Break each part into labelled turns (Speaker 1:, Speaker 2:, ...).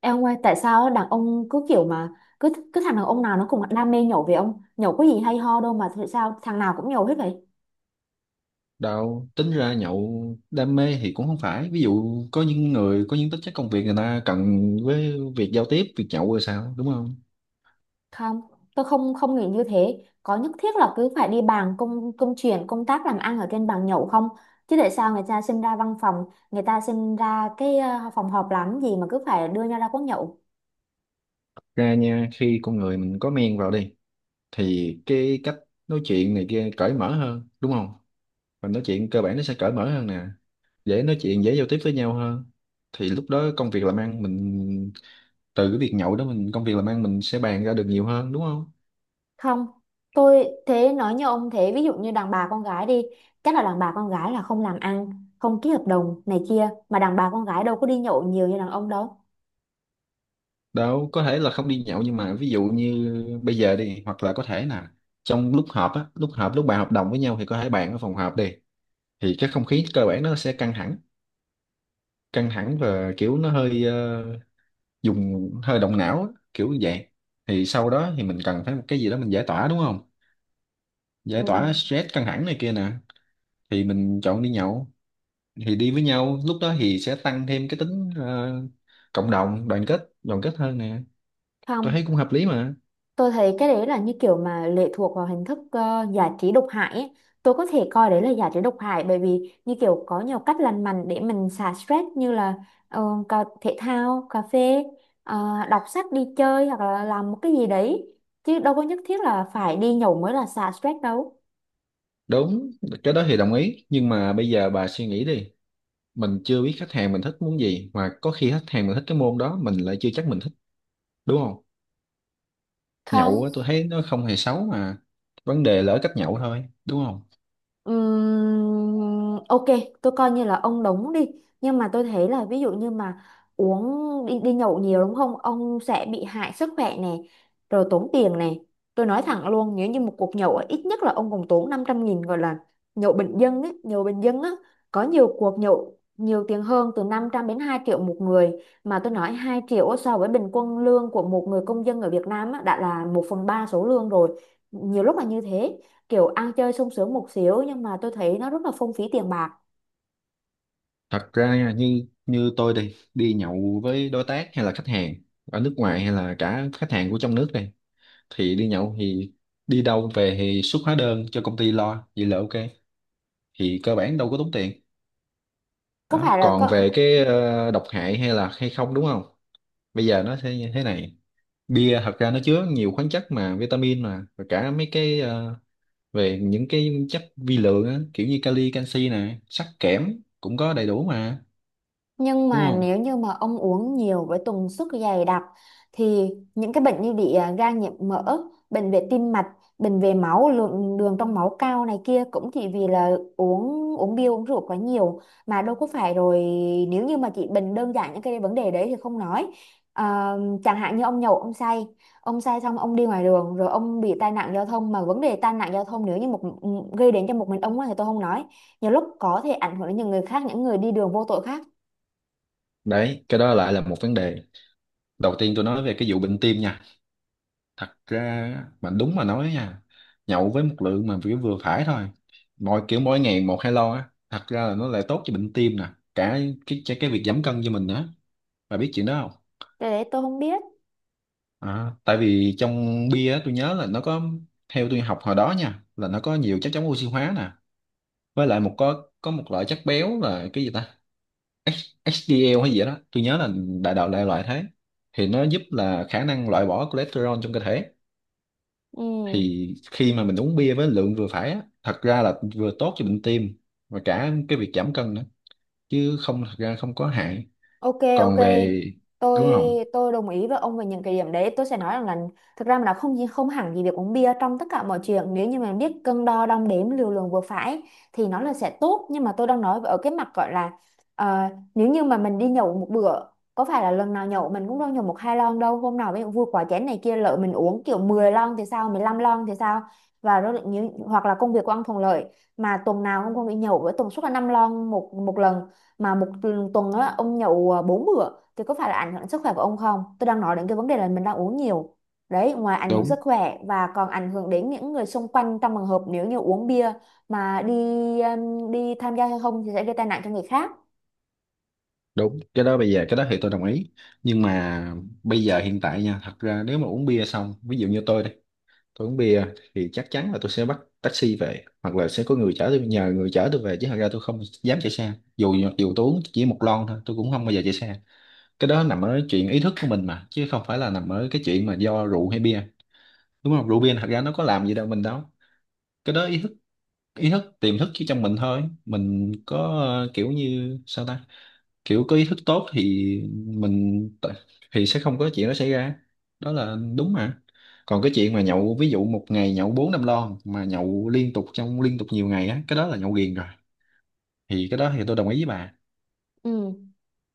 Speaker 1: Em ông ơi, tại sao đàn ông cứ kiểu mà cứ cứ thằng đàn ông nào nó cũng đam mê nhậu vậy ông? Nhậu có gì hay ho đâu mà tại sao thằng nào cũng nhậu hết vậy?
Speaker 2: Đâu, tính ra nhậu đam mê thì cũng không phải. Ví dụ có những người có những tính chất công việc người ta cần với việc giao tiếp, việc nhậu rồi sao, đúng không?
Speaker 1: Không, tôi không không nghĩ như thế. Có nhất thiết là cứ phải đi bàn công công chuyện, công tác làm ăn ở trên bàn nhậu không? Chứ tại sao người ta sinh ra văn phòng, người ta sinh ra cái phòng họp làm gì mà cứ phải đưa nhau ra quán nhậu?
Speaker 2: Ra nha, khi con người mình có men vào đi thì cái cách nói chuyện này kia cởi mở hơn, đúng không? Và nói chuyện cơ bản nó sẽ cởi mở hơn nè, dễ nói chuyện, dễ giao tiếp với nhau hơn. Thì lúc đó công việc làm ăn mình từ cái việc nhậu đó mình công việc làm ăn mình sẽ bàn ra được nhiều hơn, đúng không?
Speaker 1: Không. Tôi thế nói như ông thế, ví dụ như đàn bà con gái đi, chắc là đàn bà con gái là không làm ăn, không ký hợp đồng này kia, mà đàn bà con gái đâu có đi nhậu nhiều như đàn ông đâu.
Speaker 2: Đâu có thể là không đi nhậu, nhưng mà ví dụ như bây giờ đi, hoặc là có thể là trong lúc họp lúc bàn hợp đồng với nhau thì có thể bàn ở phòng họp đi, thì cái không khí cơ bản nó sẽ căng thẳng và kiểu nó hơi dùng hơi động não á, kiểu như vậy. Thì sau đó thì mình cần phải một cái gì đó mình giải tỏa, đúng không? Giải
Speaker 1: Ừ.
Speaker 2: tỏa stress, căng thẳng này kia nè, thì mình chọn đi nhậu. Thì đi với nhau lúc đó thì sẽ tăng thêm cái tính cộng đồng, đoàn kết hơn nè, tôi
Speaker 1: Không,
Speaker 2: thấy cũng hợp lý mà.
Speaker 1: tôi thấy cái đấy là như kiểu mà lệ thuộc vào hình thức giải trí độc hại ấy. Tôi có thể coi đấy là giải trí độc hại bởi vì như kiểu có nhiều cách lành mạnh để mình xả stress như là ờ, cà, thể thao, cà phê, ờ, đọc sách đi chơi hoặc là làm một cái gì đấy. Chứ đâu có nhất thiết là phải đi nhậu mới là xả stress đâu.
Speaker 2: Đúng, cái đó thì đồng ý, nhưng mà bây giờ bà suy nghĩ đi, mình chưa biết khách hàng mình thích muốn gì, mà có khi khách hàng mình thích cái môn đó, mình lại chưa chắc mình thích, đúng không? Nhậu
Speaker 1: Không.
Speaker 2: á, tôi thấy nó không hề xấu mà, vấn đề là ở cách nhậu thôi, đúng không?
Speaker 1: Ok, tôi coi như là ông đóng đi. Nhưng mà tôi thấy là ví dụ như mà uống đi, đi nhậu nhiều đúng không? Ông sẽ bị hại sức khỏe này, rồi tốn tiền này. Tôi nói thẳng luôn, nếu như một cuộc nhậu á, ít nhất là ông cũng tốn 500.000 gọi là nhậu bình dân ấy, nhậu bình dân á. Có nhiều cuộc nhậu nhiều tiền hơn từ 500 đến 2 triệu một người. Mà tôi nói 2 triệu á, so với bình quân lương của một người công dân ở Việt Nam á, đã là 1/3 số lương rồi. Nhiều lúc là như thế, kiểu ăn chơi sung sướng một xíu, nhưng mà tôi thấy nó rất là phung phí tiền bạc.
Speaker 2: Thật ra nha, như như tôi đi nhậu với đối tác hay là khách hàng ở nước ngoài hay là cả khách hàng của trong nước đây, thì đi nhậu thì đi đâu về thì xuất hóa đơn cho công ty lo, vậy là ok, thì cơ bản đâu có tốn tiền.
Speaker 1: Có
Speaker 2: Đó,
Speaker 1: phải là
Speaker 2: còn
Speaker 1: có.
Speaker 2: về cái độc hại hay là hay không, đúng không? Bây giờ nó sẽ như thế này, bia thật ra nó chứa nhiều khoáng chất mà vitamin mà, và cả mấy cái về những cái chất vi lượng á, kiểu như kali, canxi nè, sắt, kẽm cũng có đầy đủ mà,
Speaker 1: Nhưng
Speaker 2: đúng
Speaker 1: mà
Speaker 2: không?
Speaker 1: nếu như mà ông uống nhiều với tần suất dày đặc thì những cái bệnh như bị gan nhiễm mỡ, bệnh về tim mạch, bệnh về máu, lượng đường trong máu cao này kia cũng chỉ vì là uống uống bia uống rượu quá nhiều, mà đâu có phải. Rồi nếu như mà chỉ bệnh đơn giản những cái vấn đề đấy thì không nói. À, chẳng hạn như ông nhậu ông say xong ông đi ngoài đường rồi ông bị tai nạn giao thông, mà vấn đề tai nạn giao thông nếu như một gây đến cho một mình ông á thì tôi không nói. Nhiều lúc có thể ảnh hưởng đến những người khác, những người đi đường vô tội khác.
Speaker 2: Đấy, cái đó lại là một vấn đề. Đầu tiên tôi nói về cái vụ bệnh tim nha, thật ra á, mà đúng mà nói nha, nhậu với một lượng mà vừa vừa phải thôi, mỗi kiểu mỗi ngày một hai lon á, thật ra là nó lại tốt cho bệnh tim nè, cả cái việc giảm cân cho mình nữa. Bà biết chuyện đó không?
Speaker 1: Cái đấy tôi không biết.
Speaker 2: À, tại vì trong bia á, tôi nhớ là nó có, theo tôi học hồi đó nha, là nó có nhiều chất chống oxy hóa nè, với lại một có một loại chất béo là cái gì ta, H HDL hay gì đó, tôi nhớ là đại loại thế, thì nó giúp là khả năng loại bỏ cholesterol trong cơ thể.
Speaker 1: Ừ.
Speaker 2: Thì khi mà mình uống bia với lượng vừa phải á, thật ra là vừa tốt cho bệnh tim và cả cái việc giảm cân nữa, chứ không, thật ra không có hại.
Speaker 1: Ok, ok.
Speaker 2: Còn về,
Speaker 1: Tôi
Speaker 2: đúng không?
Speaker 1: tôi đồng ý với ông về những cái điểm đấy. Tôi sẽ nói rằng là thực ra mà nó không hẳn gì việc uống bia trong tất cả mọi chuyện. Nếu như mình biết cân đo đong đếm liều lượng vừa phải thì nó là sẽ tốt. Nhưng mà tôi đang nói ở cái mặt gọi là ờ, nếu như mà mình đi nhậu một bữa, có phải là lần nào nhậu mình cũng đâu nhậu một hai lon đâu. Hôm nào ví dụ vui quá chén này kia lỡ mình uống kiểu 10 lon thì sao, 15 lon thì sao? Và rồi nếu hoặc là công việc của ông thuận lợi mà tuần nào ông cũng không đi nhậu với tần suất là 5 lon một một lần, mà một tuần á ông nhậu 4 bữa, thì có phải là ảnh hưởng đến sức khỏe của ông không? Tôi đang nói đến cái vấn đề là mình đang uống nhiều đấy. Ngoài ảnh hưởng
Speaker 2: Đúng,
Speaker 1: sức khỏe và còn ảnh hưởng đến những người xung quanh trong trường hợp nếu như uống bia mà đi, đi tham gia giao thông thì sẽ gây tai nạn cho người khác.
Speaker 2: đúng, cái đó bây giờ cái đó thì tôi đồng ý. Nhưng mà bây giờ hiện tại nha, thật ra nếu mà uống bia xong, ví dụ như tôi đây, tôi uống bia thì chắc chắn là tôi sẽ bắt taxi về, hoặc là sẽ có người chở tôi, nhờ người chở tôi về, chứ thật ra tôi không dám chạy xe. Dù dù tôi uống chỉ một lon thôi, tôi cũng không bao giờ chạy xe. Cái đó nằm ở chuyện ý thức của mình mà, chứ không phải là nằm ở cái chuyện mà do rượu hay bia, đúng không? Rượu bia thật ra nó có làm gì đâu, mình đâu. Cái đó ý thức, ý thức tiềm thức chứ trong mình thôi, mình có kiểu như sao ta, kiểu có ý thức tốt thì mình t- thì sẽ không có chuyện đó xảy ra, đó là đúng mà. Còn cái chuyện mà nhậu ví dụ một ngày nhậu bốn năm lon mà nhậu liên tục liên tục nhiều ngày á, cái đó là nhậu ghiền rồi, thì cái đó thì tôi đồng ý với bà.
Speaker 1: Ừ.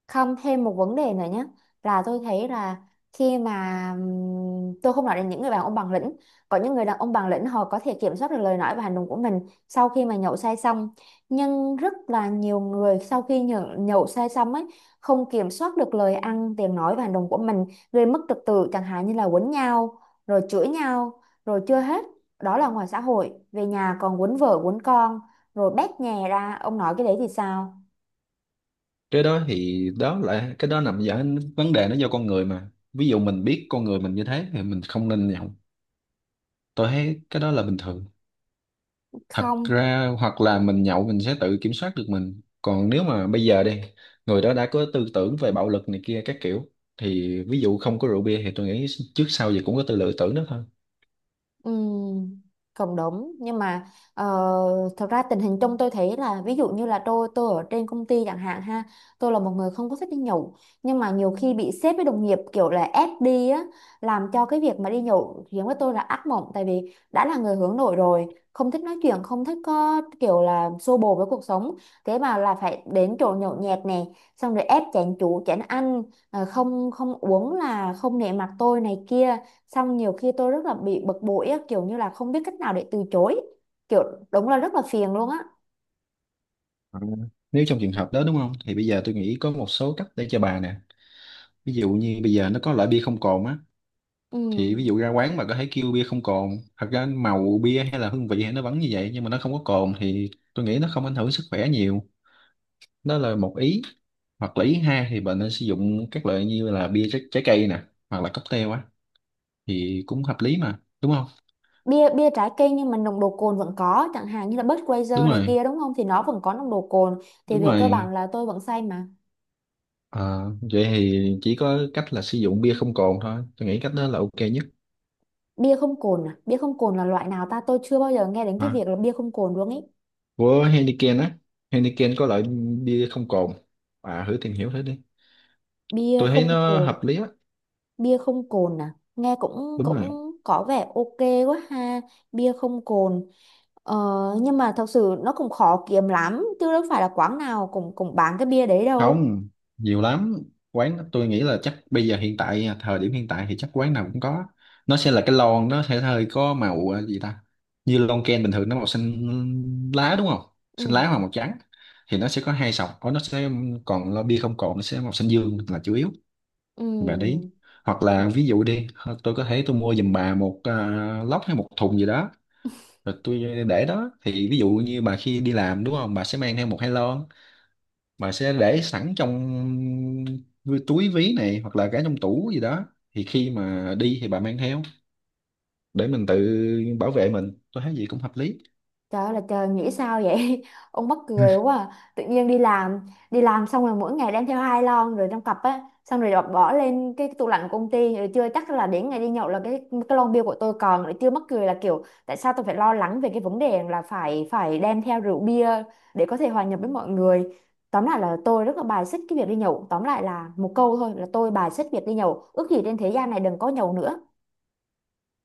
Speaker 1: Không, thêm một vấn đề nữa nhé, là tôi thấy là khi mà tôi không nói đến những người đàn ông bằng lĩnh, có những người đàn ông bằng lĩnh họ có thể kiểm soát được lời nói và hành động của mình sau khi mà nhậu say xong. Nhưng rất là nhiều người sau khi nhậu say xong ấy, không kiểm soát được lời ăn tiếng nói và hành động của mình, gây mất trật tự chẳng hạn như là quấn nhau rồi chửi nhau. Rồi chưa hết, đó là ngoài xã hội, về nhà còn quấn vợ quấn con, rồi bét nhè ra, ông nói cái đấy thì sao?
Speaker 2: Cái đó thì đó là cái đó nằm ở vấn đề nó do con người mà ví dụ mình biết con người mình như thế thì mình không nên nhậu tôi thấy cái đó là bình thường thật
Speaker 1: Không.
Speaker 2: ra hoặc là mình nhậu mình sẽ tự kiểm soát được mình còn nếu mà bây giờ đi người đó đã có tư tưởng về bạo lực này kia các kiểu thì ví dụ không có rượu bia thì tôi nghĩ trước sau gì cũng có tư lựa tưởng đó thôi
Speaker 1: Ừ, cũng đúng, nhưng mà ờ, thật ra tình hình chung tôi thấy là ví dụ như là tôi ở trên công ty chẳng hạn ha, tôi là một người không có thích đi nhậu, nhưng mà nhiều khi bị sếp với đồng nghiệp kiểu là ép đi á, làm cho cái việc mà đi nhậu khiến với tôi là ác mộng, tại vì đã là người hướng nội rồi, không thích nói chuyện, không thích có kiểu là xô bồ với cuộc sống, thế mà là phải đến chỗ nhậu nhẹt nè, xong rồi ép chén chú chén ăn, không không uống là không nể mặt tôi này kia. Xong nhiều khi tôi rất là bị bực bội á, kiểu như là không biết cách nào để từ chối, kiểu, đúng là rất là phiền luôn á.
Speaker 2: Ừ. Nếu trong trường hợp đó đúng không, thì bây giờ tôi nghĩ có một số cách để cho bà nè. Ví dụ như bây giờ nó có loại bia không cồn á,
Speaker 1: Ừ.
Speaker 2: thì ví dụ ra quán bà có thể kêu bia không cồn. Thật ra màu bia hay là hương vị hay nó vẫn như vậy, nhưng mà nó không có cồn thì tôi nghĩ nó không ảnh hưởng sức khỏe nhiều. Đó là một ý. Hoặc là ý hai thì bạn nên sử dụng các loại như là trái cây nè, hoặc là cocktail á, thì cũng hợp lý mà, đúng không?
Speaker 1: bia bia trái cây nhưng mà nồng độ cồn vẫn có, chẳng hạn như là
Speaker 2: Đúng
Speaker 1: Budweiser này
Speaker 2: rồi.
Speaker 1: kia, đúng không, thì nó vẫn có nồng độ cồn. Thì
Speaker 2: Đúng
Speaker 1: về cơ
Speaker 2: rồi.
Speaker 1: bản là tôi vẫn say mà.
Speaker 2: Ờ, vậy thì chỉ có cách là sử dụng bia không cồn thôi, tôi nghĩ cách đó là ok nhất.
Speaker 1: Bia không cồn à? Bia không cồn là loại nào ta? Tôi chưa bao giờ nghe đến cái
Speaker 2: Hả?
Speaker 1: việc là bia không cồn luôn ý.
Speaker 2: Của Heineken á, Heineken có loại bia không cồn. À thử tìm hiểu thử đi,
Speaker 1: Bia
Speaker 2: tôi thấy
Speaker 1: không
Speaker 2: nó
Speaker 1: cồn.
Speaker 2: hợp lý á,
Speaker 1: Bia không cồn à, nghe cũng
Speaker 2: đúng rồi.
Speaker 1: cũng có vẻ ok quá ha. Bia không cồn. Ờ, nhưng mà thật sự nó cũng khó kiếm lắm, chứ đâu phải là quán nào cũng cũng bán cái bia đấy đâu.
Speaker 2: Không, nhiều lắm quán, tôi nghĩ là chắc bây giờ hiện tại à, thời điểm hiện tại thì chắc quán nào cũng có. Nó sẽ là cái lon, nó sẽ hơi có màu gì ta, như lon ken bình thường nó màu xanh lá, đúng không? Xanh
Speaker 1: Ừ.
Speaker 2: lá hoặc màu trắng thì nó sẽ có hai sọc. Có, nó sẽ, còn lo bia không cồn nó sẽ màu xanh dương là chủ yếu.
Speaker 1: Ừ.
Speaker 2: Và đấy, hoặc là ví dụ đi, tôi có thể tôi mua giùm bà một lốc hay một thùng gì đó, rồi tôi để đó. Thì ví dụ như bà khi đi làm đúng không, bà sẽ mang theo một hai lon mà sẽ để sẵn trong túi ví này hoặc là cả trong tủ gì đó. Thì khi mà đi thì bà mang theo để mình tự bảo vệ mình, tôi thấy gì cũng hợp lý.
Speaker 1: Trời ơi là trời, nghĩ sao vậy ông mắc cười quá à. Tự nhiên đi làm, đi làm xong rồi mỗi ngày đem theo 2 lon, rồi trong cặp á, xong rồi bỏ bỏ lên cái tủ lạnh của công ty. Rồi chưa chắc là đến ngày đi nhậu là cái lon bia của tôi còn. Rồi chưa mắc cười là kiểu tại sao tôi phải lo lắng về cái vấn đề là phải phải đem theo rượu bia để có thể hòa nhập với mọi người. Tóm lại là tôi rất là bài xích cái việc đi nhậu. Tóm lại là một câu thôi, là tôi bài xích việc đi nhậu. Ước gì trên thế gian này đừng có nhậu nữa.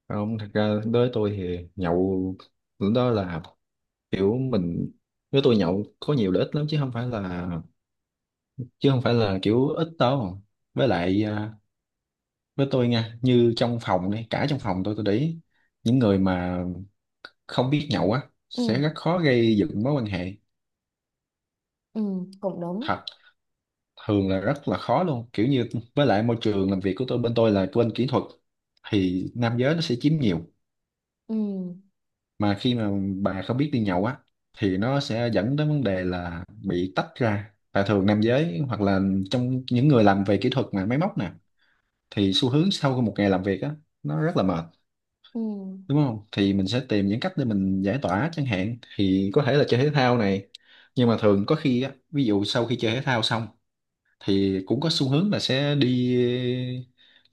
Speaker 2: Không thật ra đối với tôi thì nhậu lúc đó là kiểu mình, nếu tôi nhậu có nhiều lợi ích lắm, chứ không phải là kiểu ít đâu. Với lại à, với tôi nha, như trong phòng này, cả trong phòng tôi để ý những người mà không biết nhậu á sẽ
Speaker 1: Ừ,
Speaker 2: rất khó gây dựng mối quan hệ.
Speaker 1: ừ, cũng đúng.
Speaker 2: Thật, thường là rất là khó luôn, kiểu như với lại môi trường làm việc của tôi, bên tôi là bên kỹ thuật thì nam giới nó sẽ chiếm nhiều.
Speaker 1: Ừ,
Speaker 2: Mà khi mà bà không biết đi nhậu á thì nó sẽ dẫn đến vấn đề là bị tách ra. Và thường nam giới hoặc là trong những người làm về kỹ thuật mà máy móc nè, thì xu hướng sau một ngày làm việc á, nó rất là mệt,
Speaker 1: ừ.
Speaker 2: đúng không? Thì mình sẽ tìm những cách để mình giải tỏa, chẳng hạn thì có thể là chơi thể thao này. Nhưng mà thường có khi á, ví dụ sau khi chơi thể thao xong thì cũng có xu hướng là sẽ đi,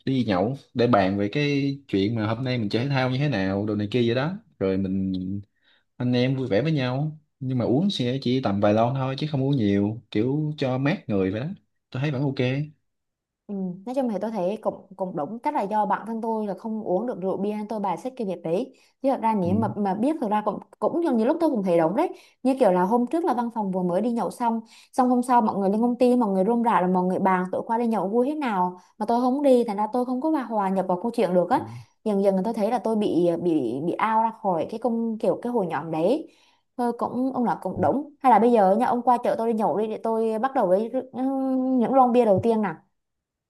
Speaker 2: đi nhậu để bàn về cái chuyện mà hôm nay mình chơi thể thao như thế nào đồ này kia vậy đó, rồi mình anh em vui vẻ với nhau. Nhưng mà uống sẽ chỉ tầm vài lon thôi, chứ không uống nhiều, kiểu cho mát người vậy đó, tôi thấy vẫn ok.
Speaker 1: Ừ, nói chung thì tôi thấy cũng cũng đúng, chắc là do bản thân tôi là không uống được rượu bia nên tôi bài xích cái việc đấy. Chứ thật ra
Speaker 2: Ừ.
Speaker 1: nếu mà biết, thật ra cũng cũng như, như lúc tôi cũng thấy đúng đấy, như kiểu là hôm trước là văn phòng vừa mới đi nhậu xong, xong hôm sau mọi người lên công ty, mọi người rôm rả rồi mọi người bàn tụi qua đi nhậu vui thế nào, mà tôi không đi thành ra tôi không có hòa hòa nhập vào câu chuyện được á. Dần dần tôi thấy là tôi bị out ra khỏi cái công kiểu cái hội nhóm đấy. Thôi cũng ông là cũng
Speaker 2: Ừ.
Speaker 1: đúng, hay là bây giờ nha, ông qua chợ tôi đi nhậu đi, để tôi bắt đầu với những lon bia đầu tiên nè.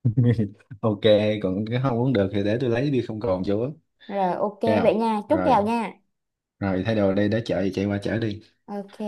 Speaker 2: Ok, còn cái không uống được thì để tôi lấy bia không còn chỗ, ok.
Speaker 1: Rồi ok vậy
Speaker 2: Không,
Speaker 1: nha, chúc
Speaker 2: rồi,
Speaker 1: kèo nha.
Speaker 2: rồi thay đồ đây, để chợ thì chạy qua chở đi.
Speaker 1: Ok.